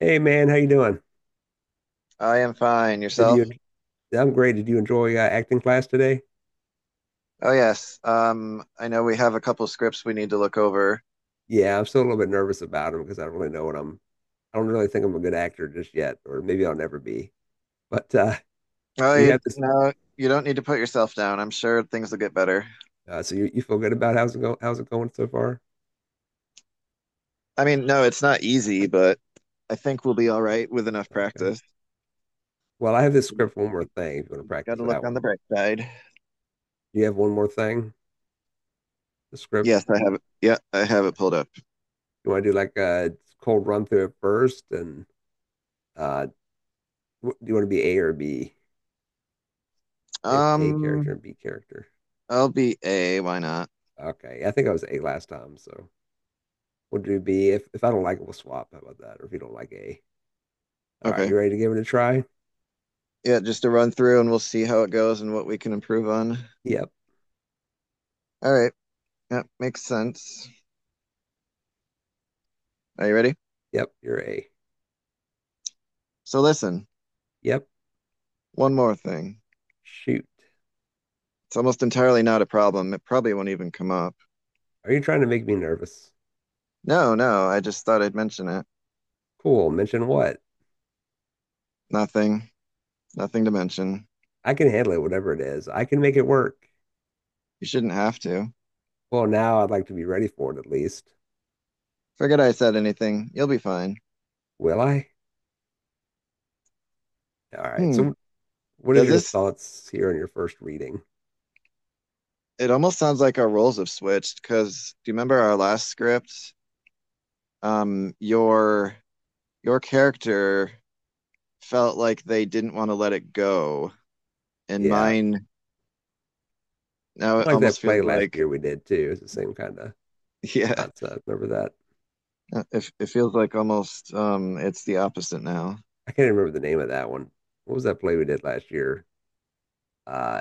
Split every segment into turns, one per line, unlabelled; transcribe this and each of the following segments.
Hey man, how you doing?
I am fine.
Did
Yourself?
you? I'm great. Did you enjoy acting class today?
Oh yes. I know we have a couple scripts we need to look over.
Yeah, I'm still a little bit nervous about him because I don't really know what I'm. I don't really think I'm a good actor just yet, or maybe I'll never be. But
Oh,
do you
you,
have this?
no, you don't need to put yourself down. I'm sure things will get better.
So you feel good about how's it going? How's it going so far?
I mean, no, it's not easy, but I think we'll be all right with enough
Okay.
practice.
Well, I have this script. One more thing. If you want to
Got
practice
to look
that
on the
one,
bright side.
do you have one more thing? The script.
Yes, I have it. Yeah, I have it pulled up.
You want to do like a cold run through it first, and uh, do you want to be A or B? If A character
Um,
and B character.
I'll be A. Why not?
Okay. I think I was A last time, so. We'll do B. If I don't like it, we'll swap. How about that? Or if you don't like A. All right,
Okay.
you ready to give it a try?
Yeah, just a run through and we'll see how it goes and what we can improve on.
Yep.
All right. That makes sense. Are you ready?
Yep, you're A.
So listen,
Yep.
one more thing.
Shoot.
It's almost entirely not a problem. It probably won't even come up.
Are you trying to make me nervous?
No, no, I just thought I'd mention it.
Cool. Mention what?
Nothing. Nothing to mention.
I can handle it, whatever it is. I can make it work.
You shouldn't have to.
Well, now I'd like to be ready for it at least.
Forget I said anything. You'll be fine.
Will I? All right.
Hmm.
So what is
Does
your
this?
thoughts here on your first reading?
It almost sounds like our roles have switched because do you remember our last script? Your character felt like they didn't want to let it go, and
Yeah.
mine now
I
it
like
almost
that play
feels
last
like
year we did too. It's the same kind of
yeah,
concept. Remember that?
it feels like almost it's the opposite now.
I can't remember the name of that one. What was that play we did last year? Uh,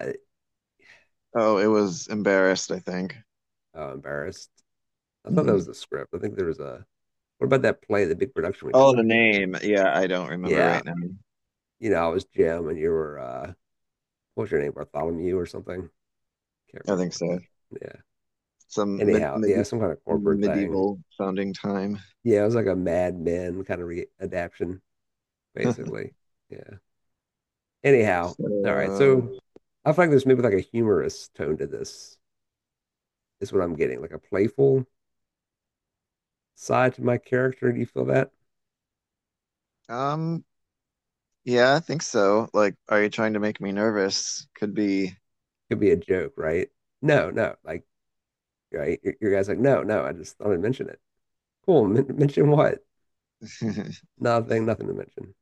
Oh, it was embarrassed, I think.
oh, embarrassed. I thought that
Hmm.
was the script. I think there was a. What about that play, the big production we did
Oh, the
last year?
name. Yeah, I don't remember
Yeah,
right now.
you know, I was Jim, and you were what was your name, Bartholomew or something? Can't
I
remember
think
what
so.
that. Yeah.
Some mid
Anyhow,
mid
yeah, some kind of corporate thing.
medieval founding time.
Yeah, it was like a Mad Men kind of readaptation, basically. Yeah. Anyhow,
So,
all right. So I feel like there's maybe like a humorous tone to this. Is what I'm getting, like a playful side to my character. Do you feel that?
um, yeah, I think so. Like, are you trying to make me nervous? Could be.
Could be a joke, right? No, no. Like right? Your guy's like, no, no, I just thought I'd mention it. Cool. Mention what?
I'm
Nothing, nothing to mention.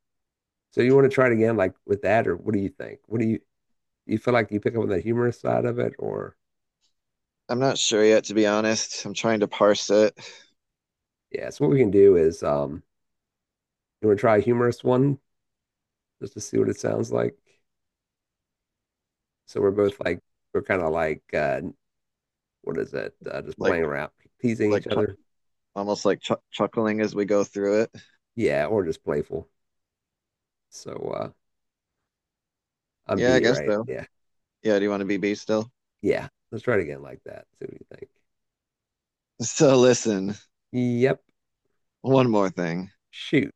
So you want to try it again, like with that, or what do you think? What do you you feel like you pick up on the humorous side of it, or
not sure yet, to be honest. I'm trying to parse it,
yeah? So what we can do is, you want to try a humorous one just to see what it sounds like. So we're both like we're kind of like what is it? Just
like,
playing around, teasing
like
each
chu
other.
almost like chu chuckling as we go through it.
Yeah, or just playful. So I'm
Yeah, I
B,
guess
right?
so.
Yeah,
Yeah, do you want to be B still?
yeah. Let's try it again like that. See what you think.
So, listen,
Yep.
one more thing.
Shoot.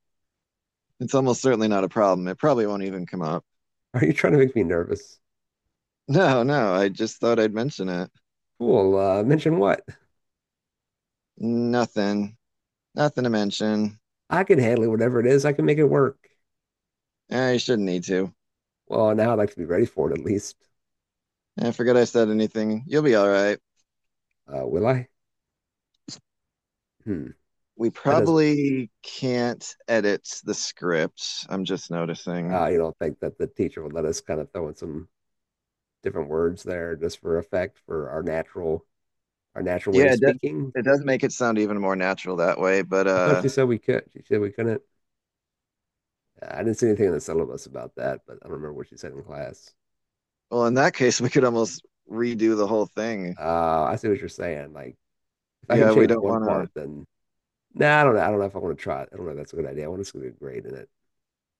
It's almost certainly not a problem. It probably won't even come up.
Are you trying to make me nervous?
No, no, I just thought I'd mention it.
Cool. Mention what?
Nothing. Nothing to mention.
I can handle it, whatever it is. I can make it work.
You shouldn't need to.
Well, now I'd like to be ready for it at least.
I forgot I said anything. You'll be all right.
Will I? Hmm.
We
That doesn't work.
probably can't edit the script. I'm just noticing.
You don't think that the teacher would let us kind of throw in some different words there just for effect for our natural way
Yeah,
of speaking?
it does make it sound even more natural that way. But,
I thought
uh,
she said we could. She said we couldn't. I didn't see anything in the syllabus about that, but I don't remember what she said in class.
well, in that case, we could almost redo the whole thing.
I see what you're saying. Like, if I can
Yeah, we
change
don't
one
want to,
part, then nah, I don't know. I don't know if I want to try it. I don't know if that's a good idea. I want to just get a grade in it.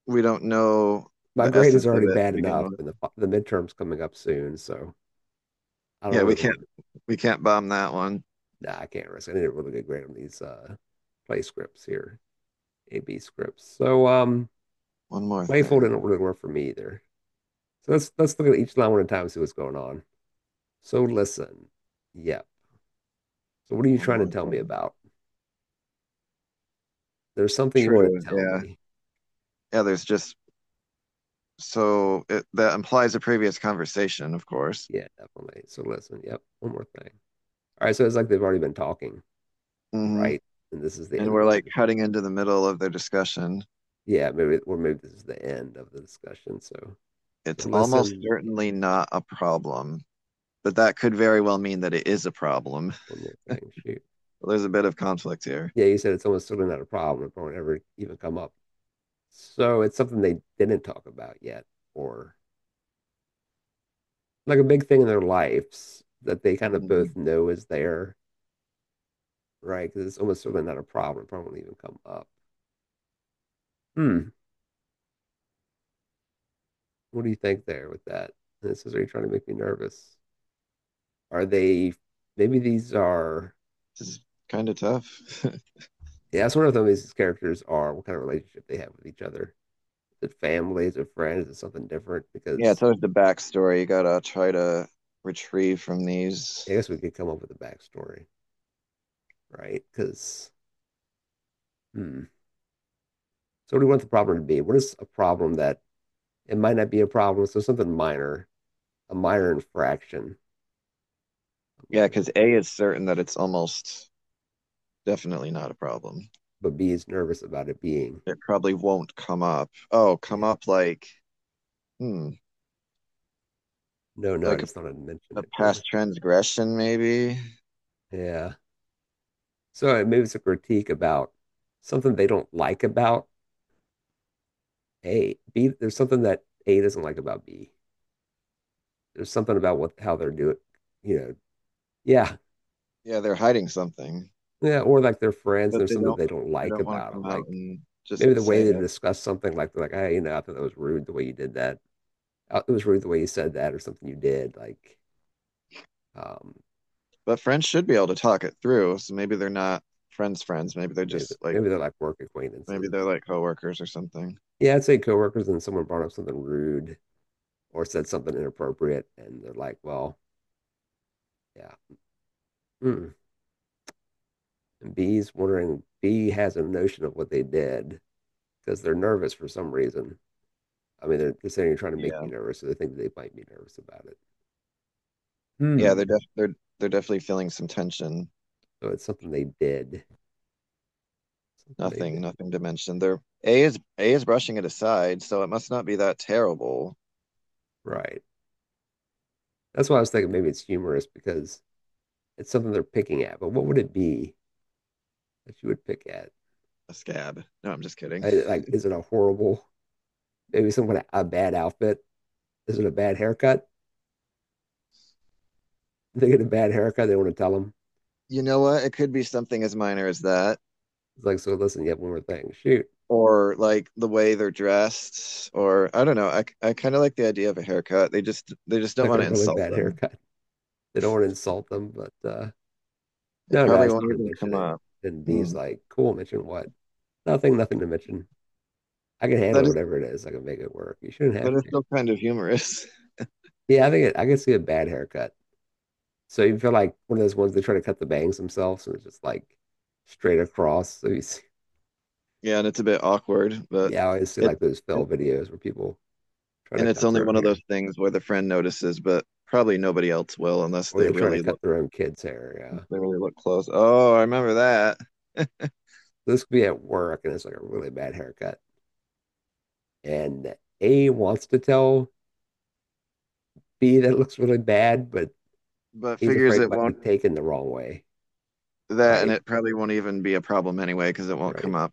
we don't know
My
the
grade is
essence of
already
it
bad
to begin
enough,
with.
and the midterm's coming up soon, so I don't
Yeah, we
really
can't,
want to.
we can't bomb that one.
Nah, I can't risk. I need a really good grade on these play scripts here, AB scripts. So
One more
playful didn't
thing.
really work for me either. So let's look at each line one at a time and see what's going on. So listen, yeah. So what are you
One
trying to
more
tell me
thing.
about? There's something you want to
True.
tell
Yeah.
me.
Yeah. There's just so it, that implies a previous conversation, of course.
Yeah, definitely. So listen, yep. One more thing. All right. So it's like they've already been talking,
Hmm.
right? And this is the
And
end of
we're
the
like
conversation.
cutting into the middle of their discussion.
Yeah, maybe or maybe this is the end of the discussion. So so
It's almost
listen, yeah,
certainly not a problem, but that could very well mean that it is a problem.
one more thing. Shoot.
There's a bit of conflict here.
Yeah, you said it's almost certainly not a problem. It won't ever even come up. So it's something they didn't talk about yet, or like a big thing in their lives that they kind of both
Hmm.
know is there, right? Because it's almost certainly not a problem. It probably won't even come up. Hmm. What do you think there with that? And it says, are you trying to make me nervous? Are they, maybe these are,
This is kind of tough.
yeah, that's one of them. These characters are what kind of relationship they have with each other. Is it family? Is it friends? Is it something different?
Yeah. It's
Because
always the backstory. You gotta try to retrieve from these.
I guess we could come up with a backstory, right? Because, hmm. So what do we want the problem to be? What is a problem that it might not be a problem? So something minor, a minor infraction, a
Yeah,
minor,
because A is certain that it's almost definitely not a problem.
but B is nervous about it being.
It probably won't come up. Oh,
Yeah.
come up like, hmm,
No, no, I
like
just thought I'd mention
a
it. Cool.
past transgression, maybe.
Yeah. So maybe it's a critique about something they don't like about A. B, there's something that A doesn't like about B. There's something about what how they're doing, you know. Yeah.
Yeah, they're hiding something,
Yeah. Or like their friends, and
but
there's something they don't
they
like
don't want to
about them.
come out
Like,
and just
maybe the
say
way they
it.
discuss something like hey you know I thought that was rude the way you did that. It was rude the way you said that or something you did like um
But friends should be able to talk it through, so maybe they're not friends friends. Maybe they're
maybe
just like
maybe they're like work
maybe they're
acquaintances.
like coworkers or something.
Yeah, I'd say coworkers and someone brought up something rude or said something inappropriate and they're like well, yeah. Mm. And B's wondering B has a notion of what they did because they're nervous for some reason. I mean they're trying to make
Yeah.
me nervous so they think they might be nervous about it.
Yeah,
Hmm.
they're definitely feeling some tension.
So it's something they did, something they
Nothing,
did,
nothing to mention. They're A is brushing it aside, so it must not be that terrible.
right? That's why I was thinking maybe it's humorous because it's something they're picking at. But what would it be that you would pick at?
A scab. No, I'm just kidding.
I, like, is it a horrible, maybe someone a bad outfit? Is it a bad haircut? They get a bad haircut, they want to tell them.
You know what? It could be something as minor as that,
It's like, so listen, you have one more thing. Shoot,
or like the way they're dressed, or I don't know. I kind of like the idea of a haircut. They just don't
like
want
a
to
really
insult
bad
them.
haircut. They don't want to insult them, but
It
no, no, I
probably
just
won't
want to
even
mention
come
it.
up.
And B's
Hmm.
like, cool, mention what? Nothing, nothing to mention. I can handle
That is,
whatever it is. I can make it work. You shouldn't
but
have
it's
to.
still kind of humorous.
Yeah, I think it, I can see a bad haircut. So you feel like one of those ones they try to cut the bangs themselves and it's just like straight across. So you see,
Yeah, and it's a bit awkward, but
yeah, I always see
it,
like those fail
it
videos where people try to
and it's
cut
only
their own
one of those
hair
things where the friend notices, but probably nobody else will unless
or they try to cut their own kids' hair. Yeah.
they really look close. Oh, I remember that.
This could be at work and it's like a really bad haircut. And A wants to tell B that it looks really bad, but
But
he's
figures
afraid it
it
might be
won't
taken the wrong way.
that, and
Right.
it probably won't even be a problem anyway because it won't
Right.
come up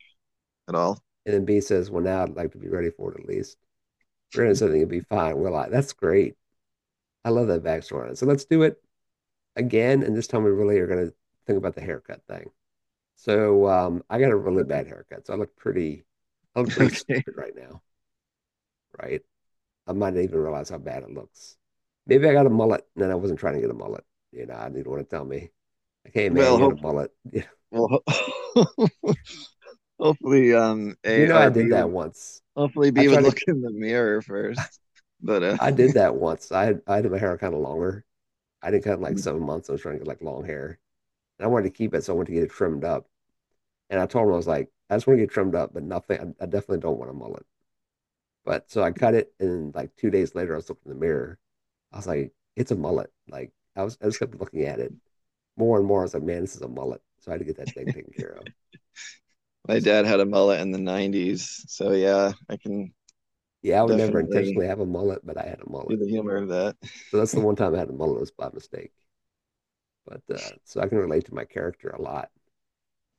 at all.
And then B says, well, now I'd like to be ready for it at least. We're gonna do something, it'll be fine. We're like, that's great. I love that backstory on it. So let's do it again, and this time we really are going to think about the haircut thing. So I got a really bad haircut, so I look pretty
Okay.
stupid right now, right? I might not even realize how bad it looks. Maybe I got a mullet, and then I wasn't trying to get a mullet. You know, I didn't want to tell me, like, hey man,
Well,
you got
hope
a mullet.
well, ho- hopefully um
You
A
know, I
or
did
B
that
would
once.
hopefully
I
B would
tried to,
look in the mirror first. But
I did that once. I had my hair kind of longer. I did cut in like 7 months. I was trying to get like long hair, and I wanted to keep it, so I wanted to get it trimmed up. And I told him I was like, I just want to get trimmed up, but nothing. I definitely don't want a mullet. But so I cut it, and like 2 days later, I was looking in the mirror. I was like, it's a mullet. Like I was, I just kept looking at it more and more. I was like, man, this is a mullet. So I had to get that thing taken care of.
my dad had a mullet in the 90s, so yeah, I can
Yeah, I would never
definitely
intentionally have a mullet, but I had a
see
mullet.
the humor of that.
So that's the one time I had a mullet was by mistake. But so I can relate to my character a lot.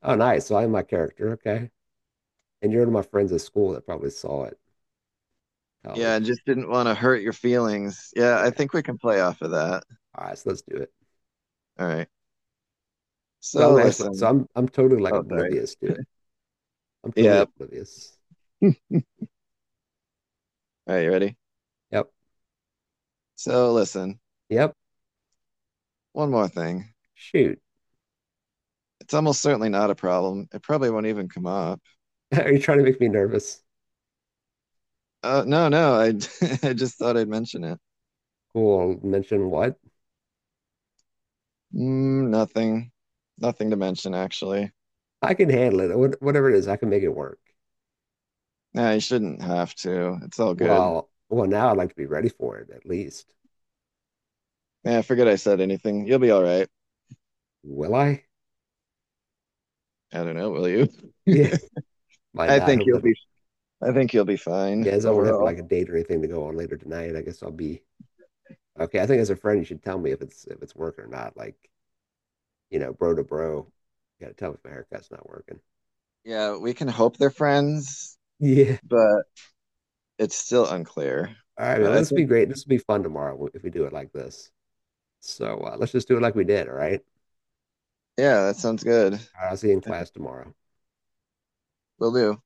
Oh, nice. So I'm my character. Okay. And you're one of my friends at school that probably saw it in
Yeah, I
college.
just didn't want to hurt your feelings. Yeah, I
Yeah.
think we can play off of that.
All right. So let's do it.
All right.
So I'm
So
actually, so
listen.
I'm totally like
Oh, sorry.
oblivious to it. I'm totally
Yeah.
oblivious.
All right, you ready?
Yep.
So listen,
Yep.
one more thing.
Shoot.
It's almost certainly not a problem. It probably won't even come up.
Are you trying to make me nervous?
No, no, I I just thought I'd mention it.
Cool. Mention what?
Nothing. Nothing to mention, actually.
I can handle it. What, whatever it is, I can make it work.
Nah, you shouldn't have to. It's all good.
Well, now I'd like to be ready for it at least.
Yeah, forget I said anything. You'll be all right.
Will I?
I don't know, will you?
Yeah, might
I
not.
think
Hopefully,
you'll
I
be
don't.
I think you'll be fine
Yeah, as I don't have
overall.
like a date or anything to go on later tonight, I guess I'll be okay. I think as a friend, you should tell me if it's working or not. Like, you know, bro to bro, you gotta tell me if my haircut's not working.
Yeah, we can hope they're friends,
Yeah.
but it's still unclear.
All right, man.
But
Well,
I
this will be
think
great. This will be fun tomorrow if we do it like this. So let's just do it like we did. All right.
yeah, that sounds good.
All right. I'll see you in
I think
class tomorrow.
we'll do.